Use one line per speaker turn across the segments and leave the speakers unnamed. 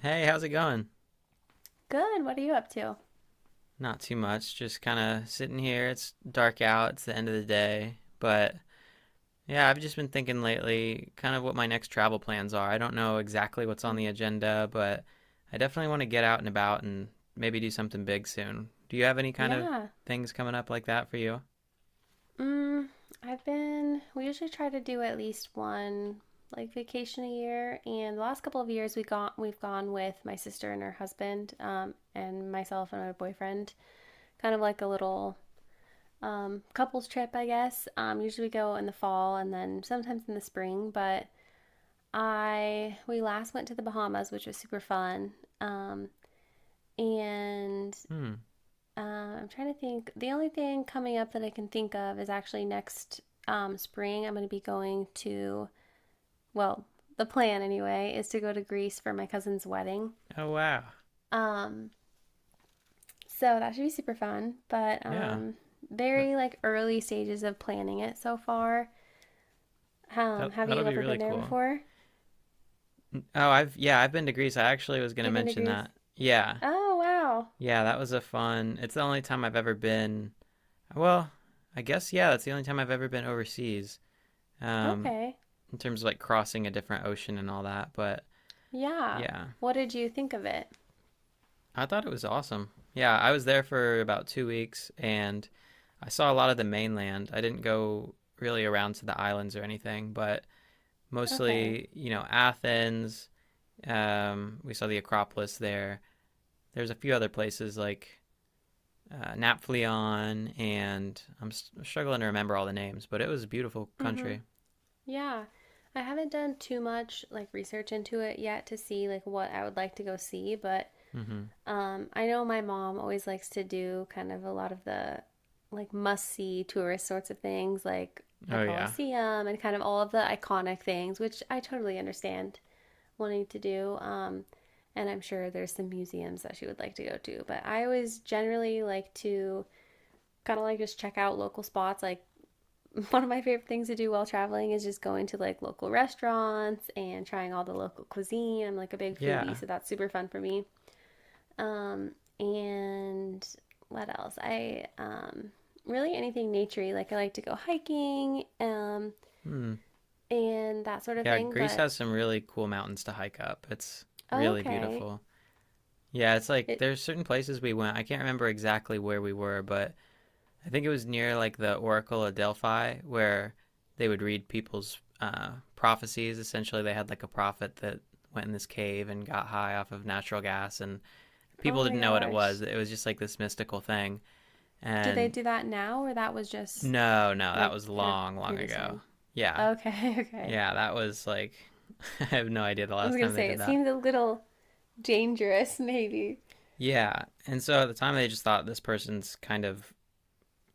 Hey, how's it going?
Good. What are you up to?
Not too much. Just kind of sitting here. It's dark out. It's the end of the day. But yeah, I've just been thinking lately kind of what my next travel plans are. I don't know exactly what's on
Hmm.
the agenda, but I definitely want to get out and about and maybe do something big soon. Do you have any kind of
Yeah.
things coming up like that for you?
Mm, I've been, we usually try to do at least one like vacation a year. And the last couple of years we've gone with my sister and her husband, and myself and my boyfriend, kind of like a little couples trip, I guess. Usually we go in the fall and then sometimes in the spring, but we last went to the Bahamas, which was super fun. Um, and
Hmm.
I'm trying to think. The only thing coming up that I can think of is actually next spring. I'm going to be going to, well, the plan anyway, is to go to Greece for my cousin's wedding.
Oh, wow.
Um, so that should be super fun, but
Yeah. That,
very like early stages of planning it so far.
that
Have
that'll
you
be
ever
really
been there
cool.
before?
Oh, I've been to Greece. I actually was going to
You've been to
mention that.
Greece?
Yeah.
Oh, wow.
Yeah, that was a fun. It's the only time I've ever been. Well, I guess yeah, that's the only time I've ever been overseas. Um,
Okay.
in terms of like crossing a different ocean and all that. But
Yeah.
yeah,
What did you think of it?
I thought it was awesome. Yeah, I was there for about 2 weeks and I saw a lot of the mainland. I didn't go really around to the islands or anything, but
Okay.
mostly, you know, Athens. We saw the Acropolis there. There's a few other places like Naphtalion, and I'm struggling to remember all the names, but it was a beautiful
Mm-hmm.
country.
Yeah. I haven't done too much like research into it yet to see like what I would like to go see, but
Hmm.
I know my mom always likes to do kind of a lot of the like must-see tourist sorts of things like the
Oh yeah.
Colosseum and kind of all of the iconic things, which I totally understand wanting to do. And I'm sure there's some museums that she would like to go to, but I always generally like to kind of like just check out local spots like one of my favorite things to do while traveling is just going to like local restaurants and trying all the local cuisine. I'm like a big foodie,
Yeah.
so that's super fun for me. Um, and what else? I really anything naturey. Like I like to go hiking
Hmm.
and that sort of
Yeah,
thing.
Greece
But
has some really cool mountains to hike up. It's
oh,
really
okay,
beautiful. Yeah, it's like
it.
there's certain places we went. I can't remember exactly where we were, but I think it was near like the Oracle of Delphi where they would read people's prophecies. Essentially, they had like a prophet that went in this cave and got high off of natural gas, and
Oh
people
my
didn't know what it was.
gosh,
It was just like this mystical thing.
do they
And
do that now or that was just
no, no, that
like
was
kind of
long, long
previous
ago.
time?
Yeah,
Okay, okay.
yeah, that was like, I have no idea the
I was
last
gonna
time they
say
did
it
that.
seems a little dangerous, maybe.
Yeah. And so at the time, they just thought this person's kind of,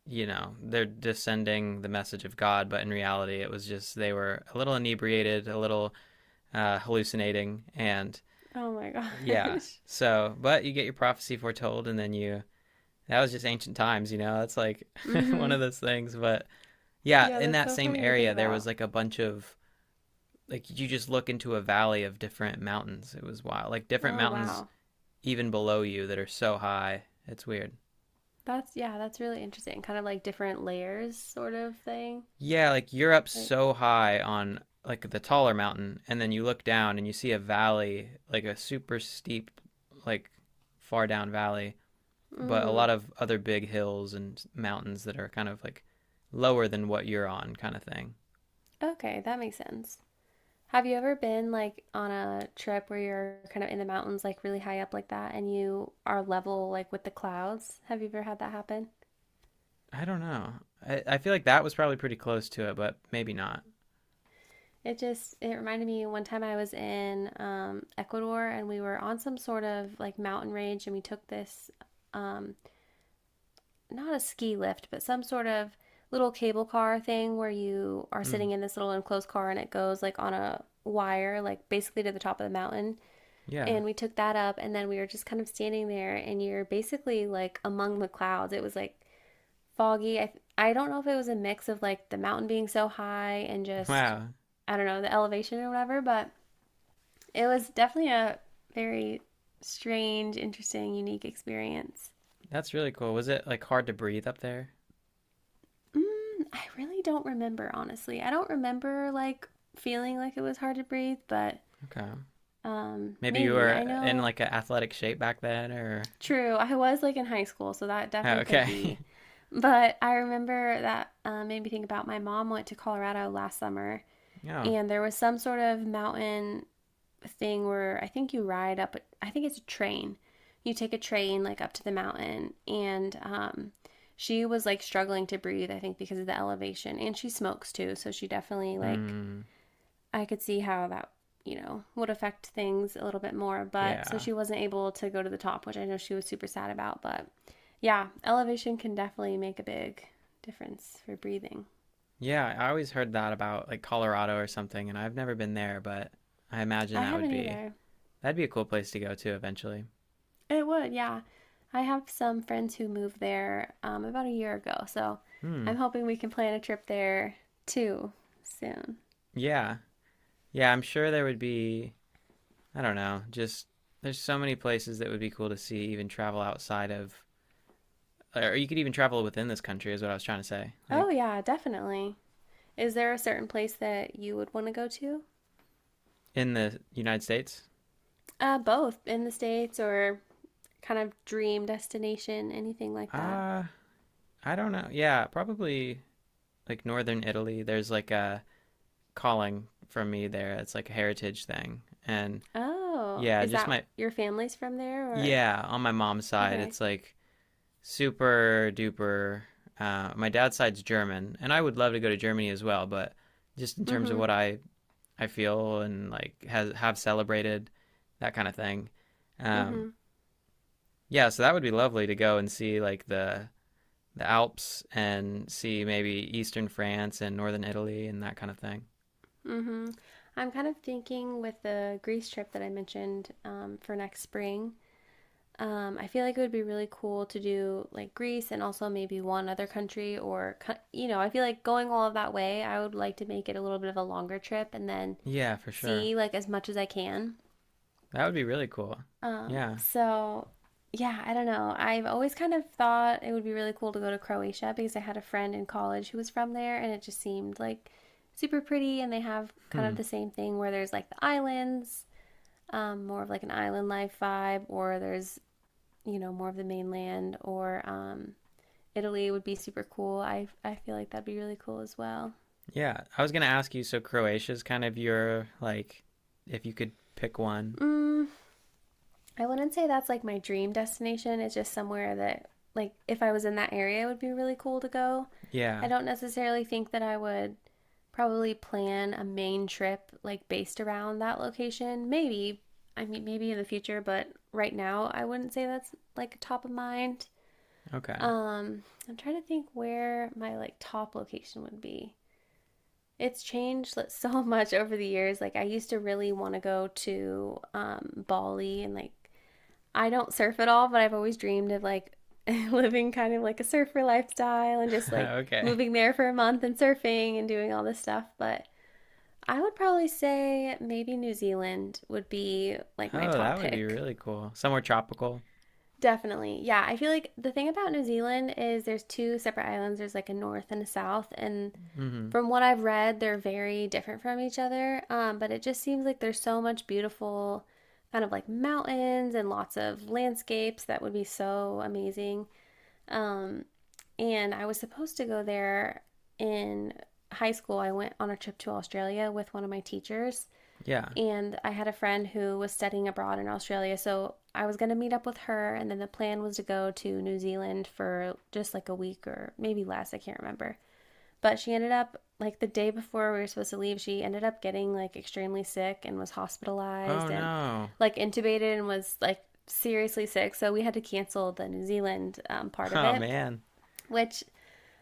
you know, they're descending the message of God. But in reality, it was just they were a little inebriated, a little hallucinating. And
Oh my
yeah.
gosh.
So, but you get your prophecy foretold, and then you, that was just ancient times, you know, that's like one of
Mm-hmm.
those things. But yeah,
Yeah,
in
that's
that
so
same
funny to think
area, there was
about.
like a bunch of, like, you just look into a valley of different mountains. It was wild. Like, different
Oh
mountains
wow.
even below you that are so high. It's weird.
That's yeah, that's really interesting. Kind of like different layers sort of thing.
Yeah, like you're up
Like,
so high on like the taller mountain, and then you look down and you see a valley, like a super steep, like far down valley, but a lot
mm,
of other big hills and mountains that are kind of like lower than what you're on, kind of thing.
okay, that makes sense. Have you ever been like on a trip where you're kind of in the mountains, like really high up like that, and you are level like with the clouds? Have you ever had that happen?
I don't know. I feel like that was probably pretty close to it, but maybe not.
It just it reminded me one time I was in Ecuador and we were on some sort of like mountain range and we took this um, not a ski lift, but some sort of little cable car thing where you are
Hmm.
sitting in this little enclosed car and it goes like on a wire, like basically to the top of the mountain.
Yeah.
And we took that up and then we were just kind of standing there and you're basically like among the clouds. It was like foggy. I don't know if it was a mix of like the mountain being so high and just,
Wow.
I don't know, the elevation or whatever, but it was definitely a very strange, interesting, unique experience.
That's really cool. Was it like hard to breathe up there?
Mm, I really don't remember, honestly. I don't remember like feeling like it was hard to breathe, but
Okay. Maybe you
maybe.
were
I
in
know,
like an athletic shape back then, or
true, I was like in high school, so that
oh,
definitely could
okay,
be. But I remember that made me think about my mom went to Colorado last summer,
yeah,
and there was some sort of mountain thing where I think you ride up, I think it's a train. You take a train like up to the mountain, and she was like struggling to breathe, I think, because of the elevation. And she smokes too, so she definitely like,
mm,
I could see how that, you know, would affect things a little bit more. But so
yeah,
she wasn't able to go to the top, which I know she was super sad about. But yeah, elevation can definitely make a big difference for breathing.
yeah. I always heard that about like Colorado or something, and I've never been there, but I imagine
I
that would
haven't
be
either.
that'd be a cool place to go to eventually.
It would, yeah. I have some friends who moved there about a year ago, so
Hmm.
I'm hoping we can plan a trip there too soon.
Yeah, yeah. I'm sure there would be. I don't know. Just there's so many places that would be cool to see, even travel outside of, or you could even travel within this country, is what I was trying to say.
Oh,
Like
yeah, definitely. Is there a certain place that you would want to go to?
in the United States.
Both in the States or kind of dream destination, anything like that.
Uh, I don't know. Yeah, probably like northern Italy, there's like a calling from me there. It's like a heritage thing. And
Oh,
yeah,
is
just
that
my
your family's from there or?
yeah, on my mom's side,
Okay.
it's like super duper. My dad's side's German, and I would love to go to Germany as well, but just in terms of
Mm-hmm.
what I feel and like has have celebrated that kind of thing. Um,
Mm-hmm.
yeah, so that would be lovely to go and see like the Alps and see maybe eastern France and northern Italy and that kind of thing.
Mm-hmm. I'm kind of thinking with the Greece trip that I mentioned for next spring. I feel like it would be really cool to do like Greece and also maybe one other country or, you know, I feel like going all of that way, I would like to make it a little bit of a longer trip and then
Yeah, for sure.
see like as much as I can.
That would be really cool.
Um,
Yeah.
so yeah, I don't know. I've always kind of thought it would be really cool to go to Croatia because I had a friend in college who was from there and it just seemed like super pretty and they have kind
Hmm.
of the same thing where there's like the islands, more of like an island life vibe, or there's you know, more of the mainland or Italy would be super cool. I feel like that'd be really cool as well.
Yeah. I was gonna ask you. So Croatia is kind of your like, if you could pick one.
Mm, I wouldn't say that's like my dream destination. It's just somewhere that, like, if I was in that area, it would be really cool to go. I
Yeah.
don't necessarily think that I would probably plan a main trip like based around that location. Maybe, I mean, maybe in the future, but right now, I wouldn't say that's like top of mind.
Okay.
Um, I'm trying to think where my like top location would be. It's changed like, so much over the years. Like I used to really want to go to Bali, and like I don't surf at all, but I've always dreamed of like living kind of like a surfer lifestyle and just like
okay.
moving there for a month and surfing and doing all this stuff. But I would probably say maybe New Zealand would be like my
Oh,
top
that would be
pick.
really cool. Somewhere tropical.
Definitely. Yeah, I feel like the thing about New Zealand is there's two separate islands. There's like a north and a south, and
Mm-hmm.
from what I've read, they're very different from each other. But it just seems like there's so much beautiful, kind of like mountains and lots of landscapes that would be so amazing. Um, and I was supposed to go there in high school. I went on a trip to Australia with one of my teachers,
Yeah.
and I had a friend who was studying abroad in Australia. So I was going to meet up with her, and then the plan was to go to New Zealand for just like a week or maybe less. I can't remember. But she ended up like the day before we were supposed to leave, she ended up getting like extremely sick and was
Oh
hospitalized and
no.
like intubated and was like seriously sick. So we had to cancel the New Zealand part of
Oh
it,
man.
which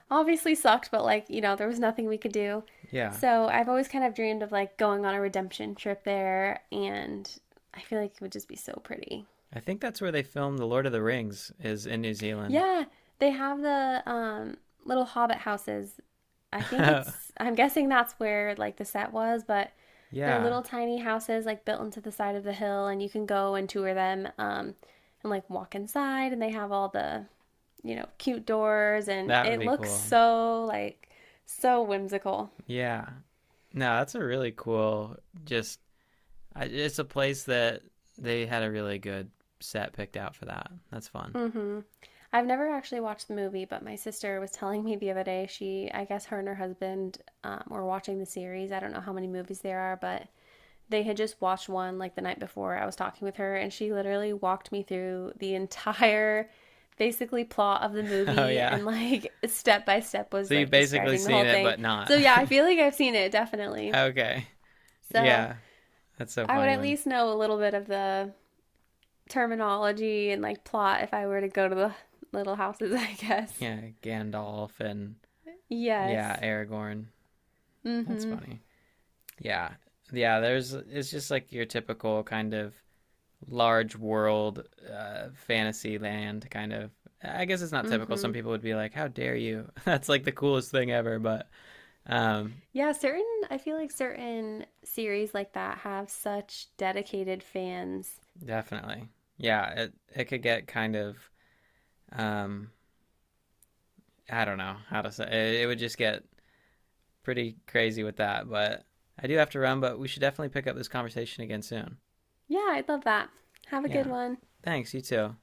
obviously sucked, but like, you know, there was nothing we could do.
Yeah.
So I've always kind of dreamed of like going on a redemption trip there and I feel like it would just be so pretty.
I think that's where they filmed The Lord of the Rings is in New Zealand.
Yeah, they have the little hobbit houses I think it's, I'm guessing that's where like the set was, but they're
yeah.
little tiny houses like built into the side of the hill, and you can go and tour them and like walk inside, and they have all the, you know, cute doors, and
That would
it
be
looks
cool.
so like so whimsical.
Yeah. No, that's a really cool just I, it's a place that they had a really good set picked out for that. That's fun.
Hmm I've never actually watched the movie, but my sister was telling me the other day, she, I guess her and her husband were watching the series. I don't know how many movies there are, but they had just watched one like the night before. I was talking with her, and she literally walked me through the entire basically plot of the
Oh
movie
yeah.
and like step by step
So
was
you've
like
basically
describing the
seen
whole
it,
thing.
but not.
So yeah, I feel like I've seen it definitely.
okay.
So
Yeah. That's so
I would
funny
at
when
least know a little bit of the terminology and like plot if I were to go to the little houses, I guess.
yeah Gandalf and yeah
Yes.
Aragorn. That's
Mm-hmm.
funny. Yeah. Yeah. There's it's just like your typical kind of large world fantasy land kind of. I guess it's not typical. Some
Mm-hmm.
people would be like, "How dare you?" That's like the coolest thing ever. But um,
Yeah, certain I feel like certain series like that have such dedicated fans.
Definitely. Yeah, it could get kind of um I don't know how to say it, it would just get pretty crazy with that, but I do have to run, but we should definitely pick up this conversation again soon.
Yeah, I'd love that. Have a good
Yeah.
one.
Thanks, you too.